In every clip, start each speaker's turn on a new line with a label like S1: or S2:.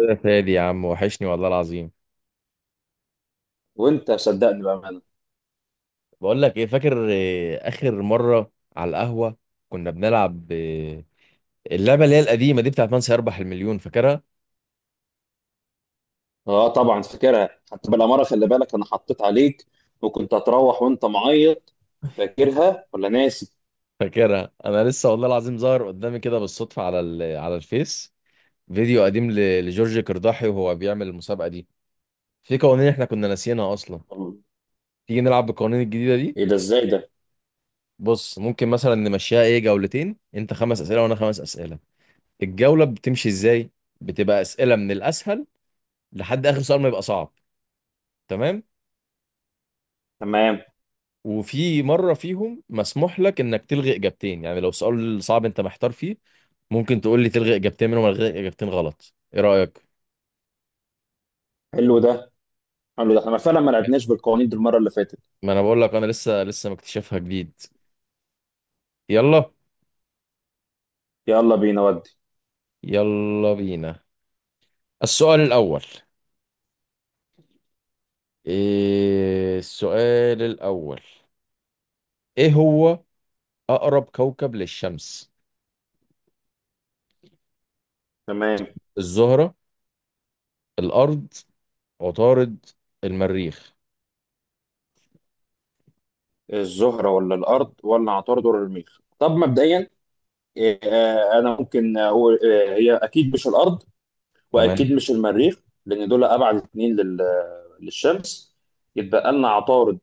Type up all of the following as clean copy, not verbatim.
S1: يا فادي يا عم، وحشني والله العظيم.
S2: وانت صدقني بامانه.
S1: بقول لك ايه، فاكر إيه اخر مره على القهوه كنا بنلعب إيه؟ اللعبه اللي هي القديمه دي بتاعت من سيربح المليون، فاكرها؟
S2: اه طبعا فاكرها، حتى بالاماره خلي بالك انا حطيت عليك، وكنت هتروح وانت معيط. فاكرها ولا ناسي؟
S1: فاكرها، انا لسه والله العظيم ظاهر قدامي كده بالصدفه على الفيس فيديو قديم لجورج قرداحي وهو بيعمل المسابقه دي. في قوانين احنا كنا ناسيينها اصلا، تيجي نلعب بالقوانين الجديده دي؟
S2: ايه ده؟ ازاي ده؟
S1: بص، ممكن مثلا نمشيها ايه، جولتين، انت خمس اسئله وانا خمس اسئله. الجوله بتمشي ازاي؟ بتبقى اسئله من الاسهل لحد اخر سؤال ما يبقى صعب. تمام.
S2: تمام.
S1: وفي مره فيهم مسموح لك انك تلغي اجابتين، يعني لو سؤال صعب انت محتار فيه، ممكن تقول لي تلغي اجابتين منهم، الغي اجابتين غلط. ايه رايك؟
S2: حلو ده حلو ده. احنا فعلا ما لعبناش بالقوانين دي المره اللي فاتت.
S1: ما انا بقول لك انا لسه لسه مكتشفها جديد. يلا.
S2: يلا بينا ودي.
S1: يلا بينا. السؤال الاول. إيه السؤال الاول؟ ايه هو؟ اقرب كوكب للشمس:
S2: تمام.
S1: الزهره، الارض، عطارد، المريخ؟
S2: الزهره ولا الارض ولا عطارد ولا المريخ؟ طب مبدئيا، إيه، آه، انا ممكن اقول. هي اكيد مش الارض،
S1: تمام.
S2: واكيد مش المريخ. لان دول ابعد اتنين للشمس. يتبقى لنا عطارد،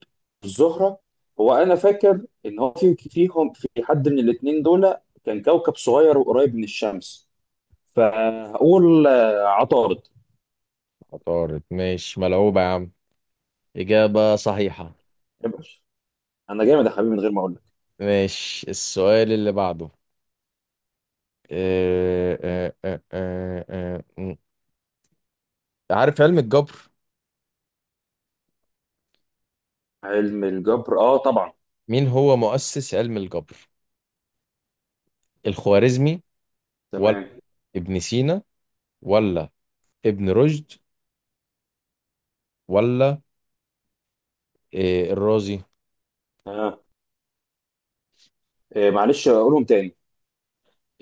S2: الزهره. هو انا فاكر ان هو فيهم في حد من الاتنين دول كان كوكب صغير وقريب من الشمس، فهقول عطارد.
S1: عطارد. ماشي، ملعوبه يا عم، اجابه صحيحه.
S2: ابقى. انا جامد يا حبيبي من غير ما اقول لك.
S1: ماشي، السؤال اللي بعده. آه، آه، آه، آه، آه، م. عارف علم الجبر؟
S2: علم الجبر اه طبعا.
S1: مين هو مؤسس علم الجبر؟ الخوارزمي، ولا
S2: تمام.
S1: ابن سينا، ولا ابن رشد، ولا الرازي؟
S2: آه. معلش اقولهم تاني.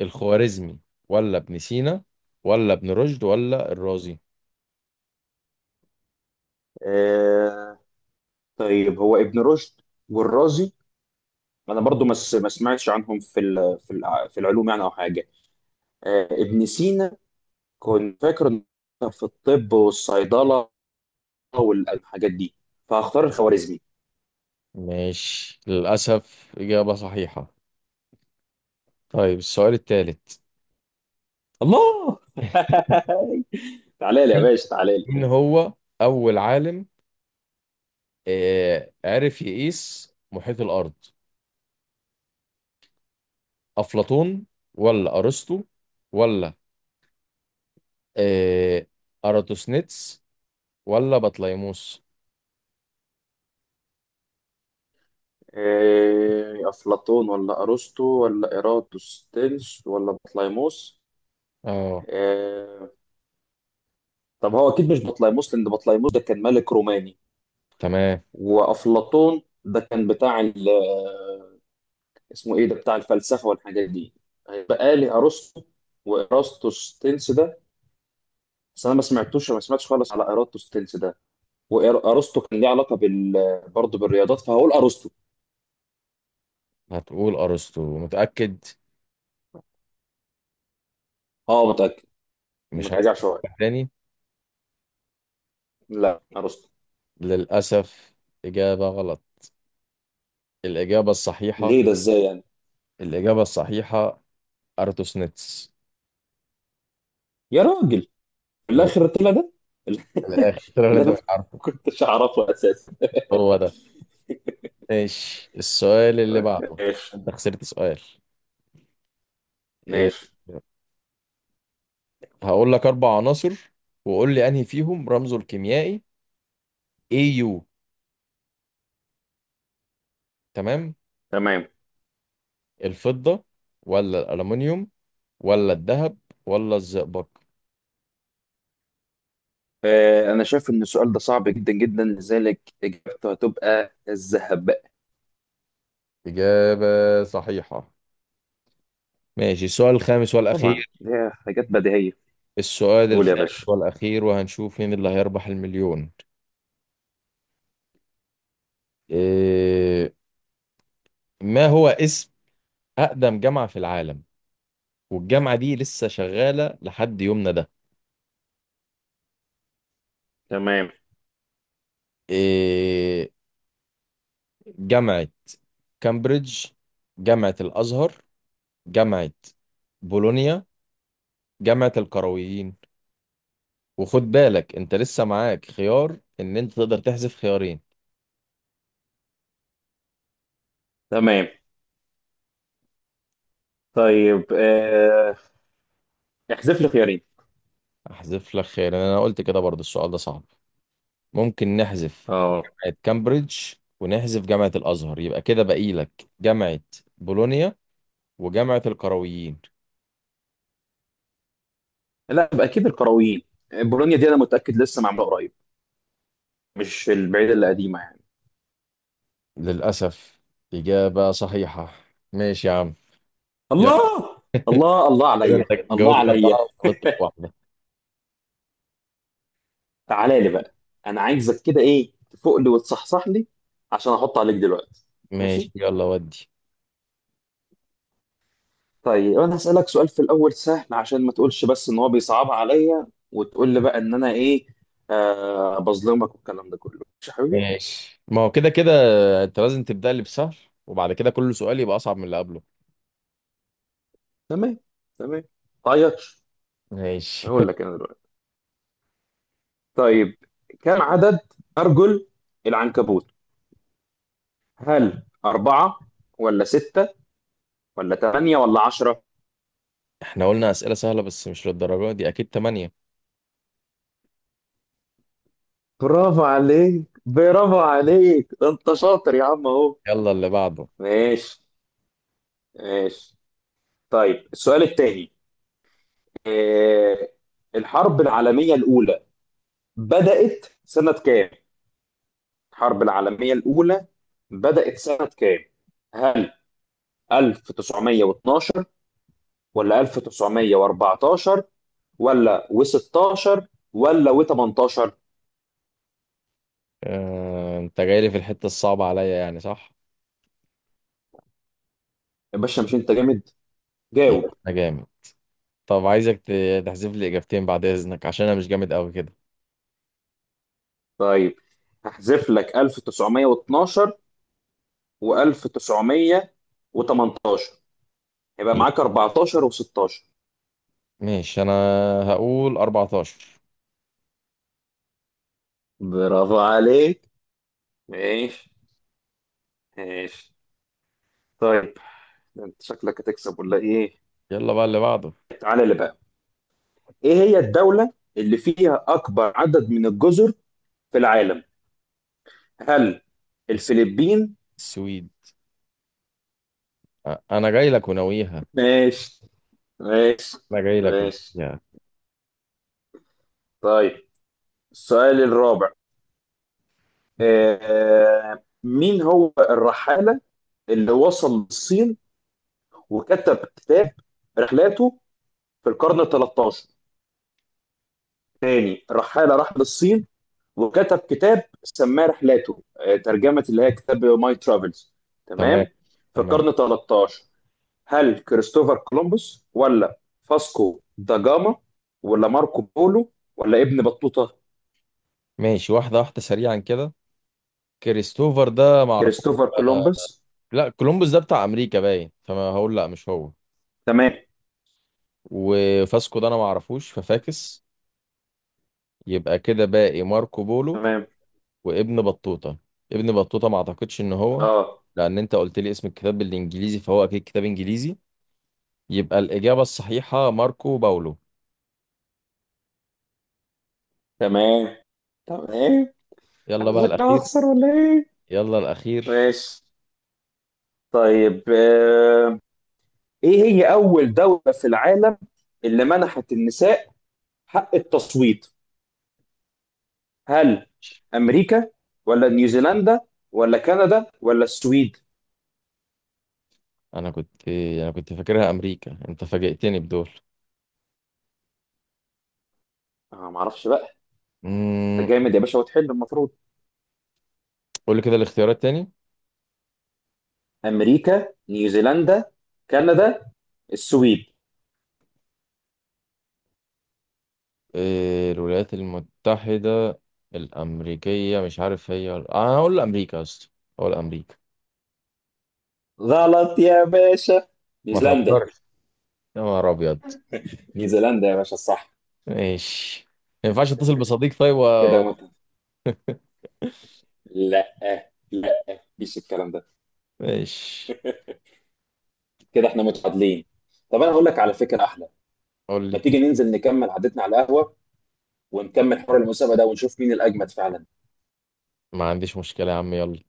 S1: الخوارزمي ولا ابن سينا ولا ابن رشد ولا الرازي.
S2: آه. طيب هو ابن رشد والرازي انا برضو ما سمعتش عنهم في العلوم يعني او حاجه. ابن سينا كنت فاكره إنه كان في الطب والصيدله والحاجات دي، فهختار الخوارزمي.
S1: ماشي، للأسف إجابة صحيحة. طيب، السؤال الثالث.
S2: الله. تعالى لي يا باشا، تعالى لي.
S1: مين هو أول عالم عرف يقيس محيط الأرض؟ افلاطون، ولا ارسطو، ولا آه اراتوسنيتس، ولا بطليموس؟
S2: افلاطون ولا ارسطو ولا ايراتوستينس ولا بطليموس؟
S1: اه،
S2: آه، طب هو اكيد مش بطليموس، لان بطليموس ده كان ملك روماني.
S1: تمام.
S2: وافلاطون ده كان اسمه ايه ده، بتاع الفلسفه والحاجات دي. هيبقى لي ارسطو وايراتوستينس ده. بس انا ما سمعتش خالص على ارسطو ستيلز ده. وارسطو كان ليه علاقه برضه بالرياضات، فهقول ارسطو.
S1: هتقول ارسطو، متأكد؟
S2: اه متاكد. ما
S1: مش عايز
S2: ترجعش شويه.
S1: تفكر تاني؟
S2: لا، ارسطو.
S1: للاسف، اجابة غلط. الاجابة الصحيحة،
S2: ليه ده؟ ازاي يعني؟
S1: الاجابة الصحيحة اراتوسنيتس.
S2: يا راجل، في
S1: لل-
S2: الاخر طلع ده.
S1: للاخر طلع اللي
S2: اللي
S1: انت
S2: انا
S1: مش
S2: ما
S1: عارفه.
S2: كنتش اعرفه اساسا.
S1: هو ده. ماشي، السؤال اللي بعده.
S2: ماشي.
S1: انت خسرت سؤال. آه،
S2: ماشي.
S1: هقول لك اربع عناصر، وقول لي انهي فيهم رمزه الكيميائي AU. تمام.
S2: تمام.
S1: الفضة، ولا الألمنيوم، ولا الذهب، ولا الزئبق؟
S2: انا شايف ان السؤال ده صعب جدا جدا، لذلك اجابته هتبقى الذهب.
S1: إجابة صحيحة. ماشي، السؤال الخامس
S2: طبعا
S1: والأخير.
S2: دي حاجات بديهيه.
S1: السؤال
S2: قول يا
S1: الخامس
S2: باشا.
S1: والأخير، وهنشوف مين اللي هيربح المليون. إيه؟ ما هو اسم أقدم جامعة في العالم والجامعة دي لسه شغالة لحد يومنا ده؟
S2: تمام.
S1: إيه؟ جامعة كامبريدج، جامعة الأزهر، جامعة بولونيا، جامعة القرويين. وخد بالك، انت لسه معاك خيار ان انت تقدر تحذف خيارين.
S2: تمام. طيب، احذف لي خيارين.
S1: احذف لك خيارين. انا قلت كده، برضو السؤال ده صعب. ممكن نحذف
S2: اه.
S1: جامعة كامبريدج ونحذف جامعة الازهر. يبقى كده باقي لك جامعة بولونيا وجامعة القرويين.
S2: لا، يبقى اكيد القرويين. بولونيا دي انا متاكد لسه معموله قريب، مش البعيده اللي قديمه يعني.
S1: للاسف، اجابة صحيحة. ماشي يا عم، يلا.
S2: الله. الله، الله
S1: كده
S2: عليا.
S1: انت
S2: الله
S1: جاوبت اربعة
S2: عليا.
S1: وغلطت في واحدة.
S2: تعالى لي بقى. انا عايزك كده، تفوق لي وتصحصح لي عشان احط عليك دلوقتي.
S1: ماشي،
S2: ماشي.
S1: يلا ودي.
S2: طيب انا هسالك سؤال في الاول سهل، عشان ما تقولش بس ان هو بيصعبها عليا، وتقول لي بقى ان انا ايه، بظلمك والكلام ده كله. ماشي يا حبيبي.
S1: ماشي، ما هو كده كده انت لازم تبدأ لي بسهل، وبعد كده كل سؤال يبقى اصعب من اللي قبله.
S2: تمام. تمام. تعيطش.
S1: ماشي.
S2: هقول لك انا دلوقتي. طيب، كم عدد ارجل العنكبوت؟ هل أربعة، ولا ستة، ولا تمانية، ولا عشرة؟
S1: احنا قلنا أسئلة سهلة، بس مش للدرجة دي، أكيد تمانية.
S2: برافو عليك، برافو عليك، ده انت شاطر يا عم اهو.
S1: يلا اللي بعده.
S2: ماشي. ماشي. طيب، السؤال التاني، إيه؟ الحرب العالمية الأولى بدأت سنة كام؟ الحرب العالمية الأولى بدأت سنة كام؟ هل 1912، ولا 1914، ولا و16، ولا و18؟
S1: اه... أنت جاي لي في الحتة الصعبة عليا، يعني صح؟
S2: يا باشا مش انت جامد؟
S1: يا
S2: جاوب.
S1: باشا؟ أنا جامد. طب عايزك تحذف لي إجابتين بعد إذنك، عشان أنا مش جامد أوي كده.
S2: طيب هحذف لك 1912 و1918، هيبقى
S1: ي-
S2: معاك 14 و16.
S1: ماشي، أنا هقول 14.
S2: برافو عليك. ماشي. ماشي. طيب، انت شكلك هتكسب ولا ايه؟
S1: يلا بقى اللي بعده.
S2: تعالى اللي بقى. ايه هي الدولة اللي فيها اكبر عدد من الجزر في العالم؟ هل
S1: الس-
S2: الفلبين؟
S1: السويد. أنا جاي لك وناويها.
S2: ماشي. ماشي.
S1: أنا جاي لك
S2: ماشي.
S1: وناويها.
S2: طيب، السؤال الرابع، مين هو الرحالة اللي وصل للصين وكتب كتاب رحلاته في القرن ال 13؟ تاني رحالة راح للصين وكتب كتاب سماه رحلاته، ترجمة اللي هي كتاب ماي ترافلز.
S1: تمام،
S2: تمام. في
S1: تمام.
S2: القرن ال 13. هل كريستوفر كولومبوس، ولا فاسكو دا جاما، ولا ماركو بولو، ولا ابن بطوطة؟
S1: ماشي، واحدة واحدة سريعا كده. كريستوفر ده معرفوش.
S2: كريستوفر
S1: آه،
S2: كولومبوس؟
S1: لا، كولومبوس ده بتاع أمريكا باين، فما هقول لا مش هو.
S2: تمام.
S1: وفاسكو ده انا ما اعرفوش ففاكس. يبقى كده باقي ماركو بولو
S2: تمام.
S1: وابن بطوطة. ابن بطوطة ما اعتقدش ان هو،
S2: اه.
S1: لان انت قلت لي اسم الكتاب بالانجليزي فهو اكيد كتاب انجليزي. يبقى الاجابة الصحيحة ماركو باولو.
S2: تمام. تمام.
S1: يلا بقى
S2: انا شكلها
S1: الاخير.
S2: هخسر ولا ايه؟
S1: يلا الاخير.
S2: ماشي. طيب، ايه هي اول دولة في العالم اللي منحت النساء حق التصويت؟ هل امريكا، ولا نيوزيلندا، ولا كندا، ولا السويد؟
S1: انا كنت فاكرها امريكا، انت فاجئتني بدول.
S2: انا ما اعرفش بقى. انت
S1: امم
S2: جامد يا باشا، وتحل المفروض.
S1: قول لي كده الاختيارات تاني.
S2: امريكا، نيوزيلندا، كندا، السويد.
S1: إيه؟ الولايات المتحدة الامريكية، مش عارف، هي انا هقول امريكا يا اسطى. هقول امريكا.
S2: غلط يا باشا.
S1: ما
S2: نيوزيلندا.
S1: تهزرش، يا نهار ابيض.
S2: نيوزيلندا يا باشا، صح.
S1: ماشي. ما ينفعش اتصل بصديق طيب و...
S2: كده وانت. لا، لا، مفيش الكلام ده.
S1: ماشي،
S2: كده احنا متعادلين. طب انا هقول لك على فكره احلى.
S1: قول
S2: ما
S1: لي.
S2: تيجي ننزل نكمل عادتنا على القهوه، ونكمل حوار المسابقه ده ونشوف مين الاجمد فعلا.
S1: ما عنديش مشكلة يا عم، يلا.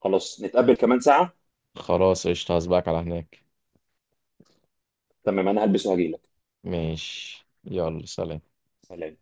S2: خلاص، نتقابل كمان ساعه.
S1: خلاص قشطة، هسبقك على هناك.
S2: تمام، انا هلبس وهجيلك.
S1: ماشي يلا، سلام.
S2: سلام.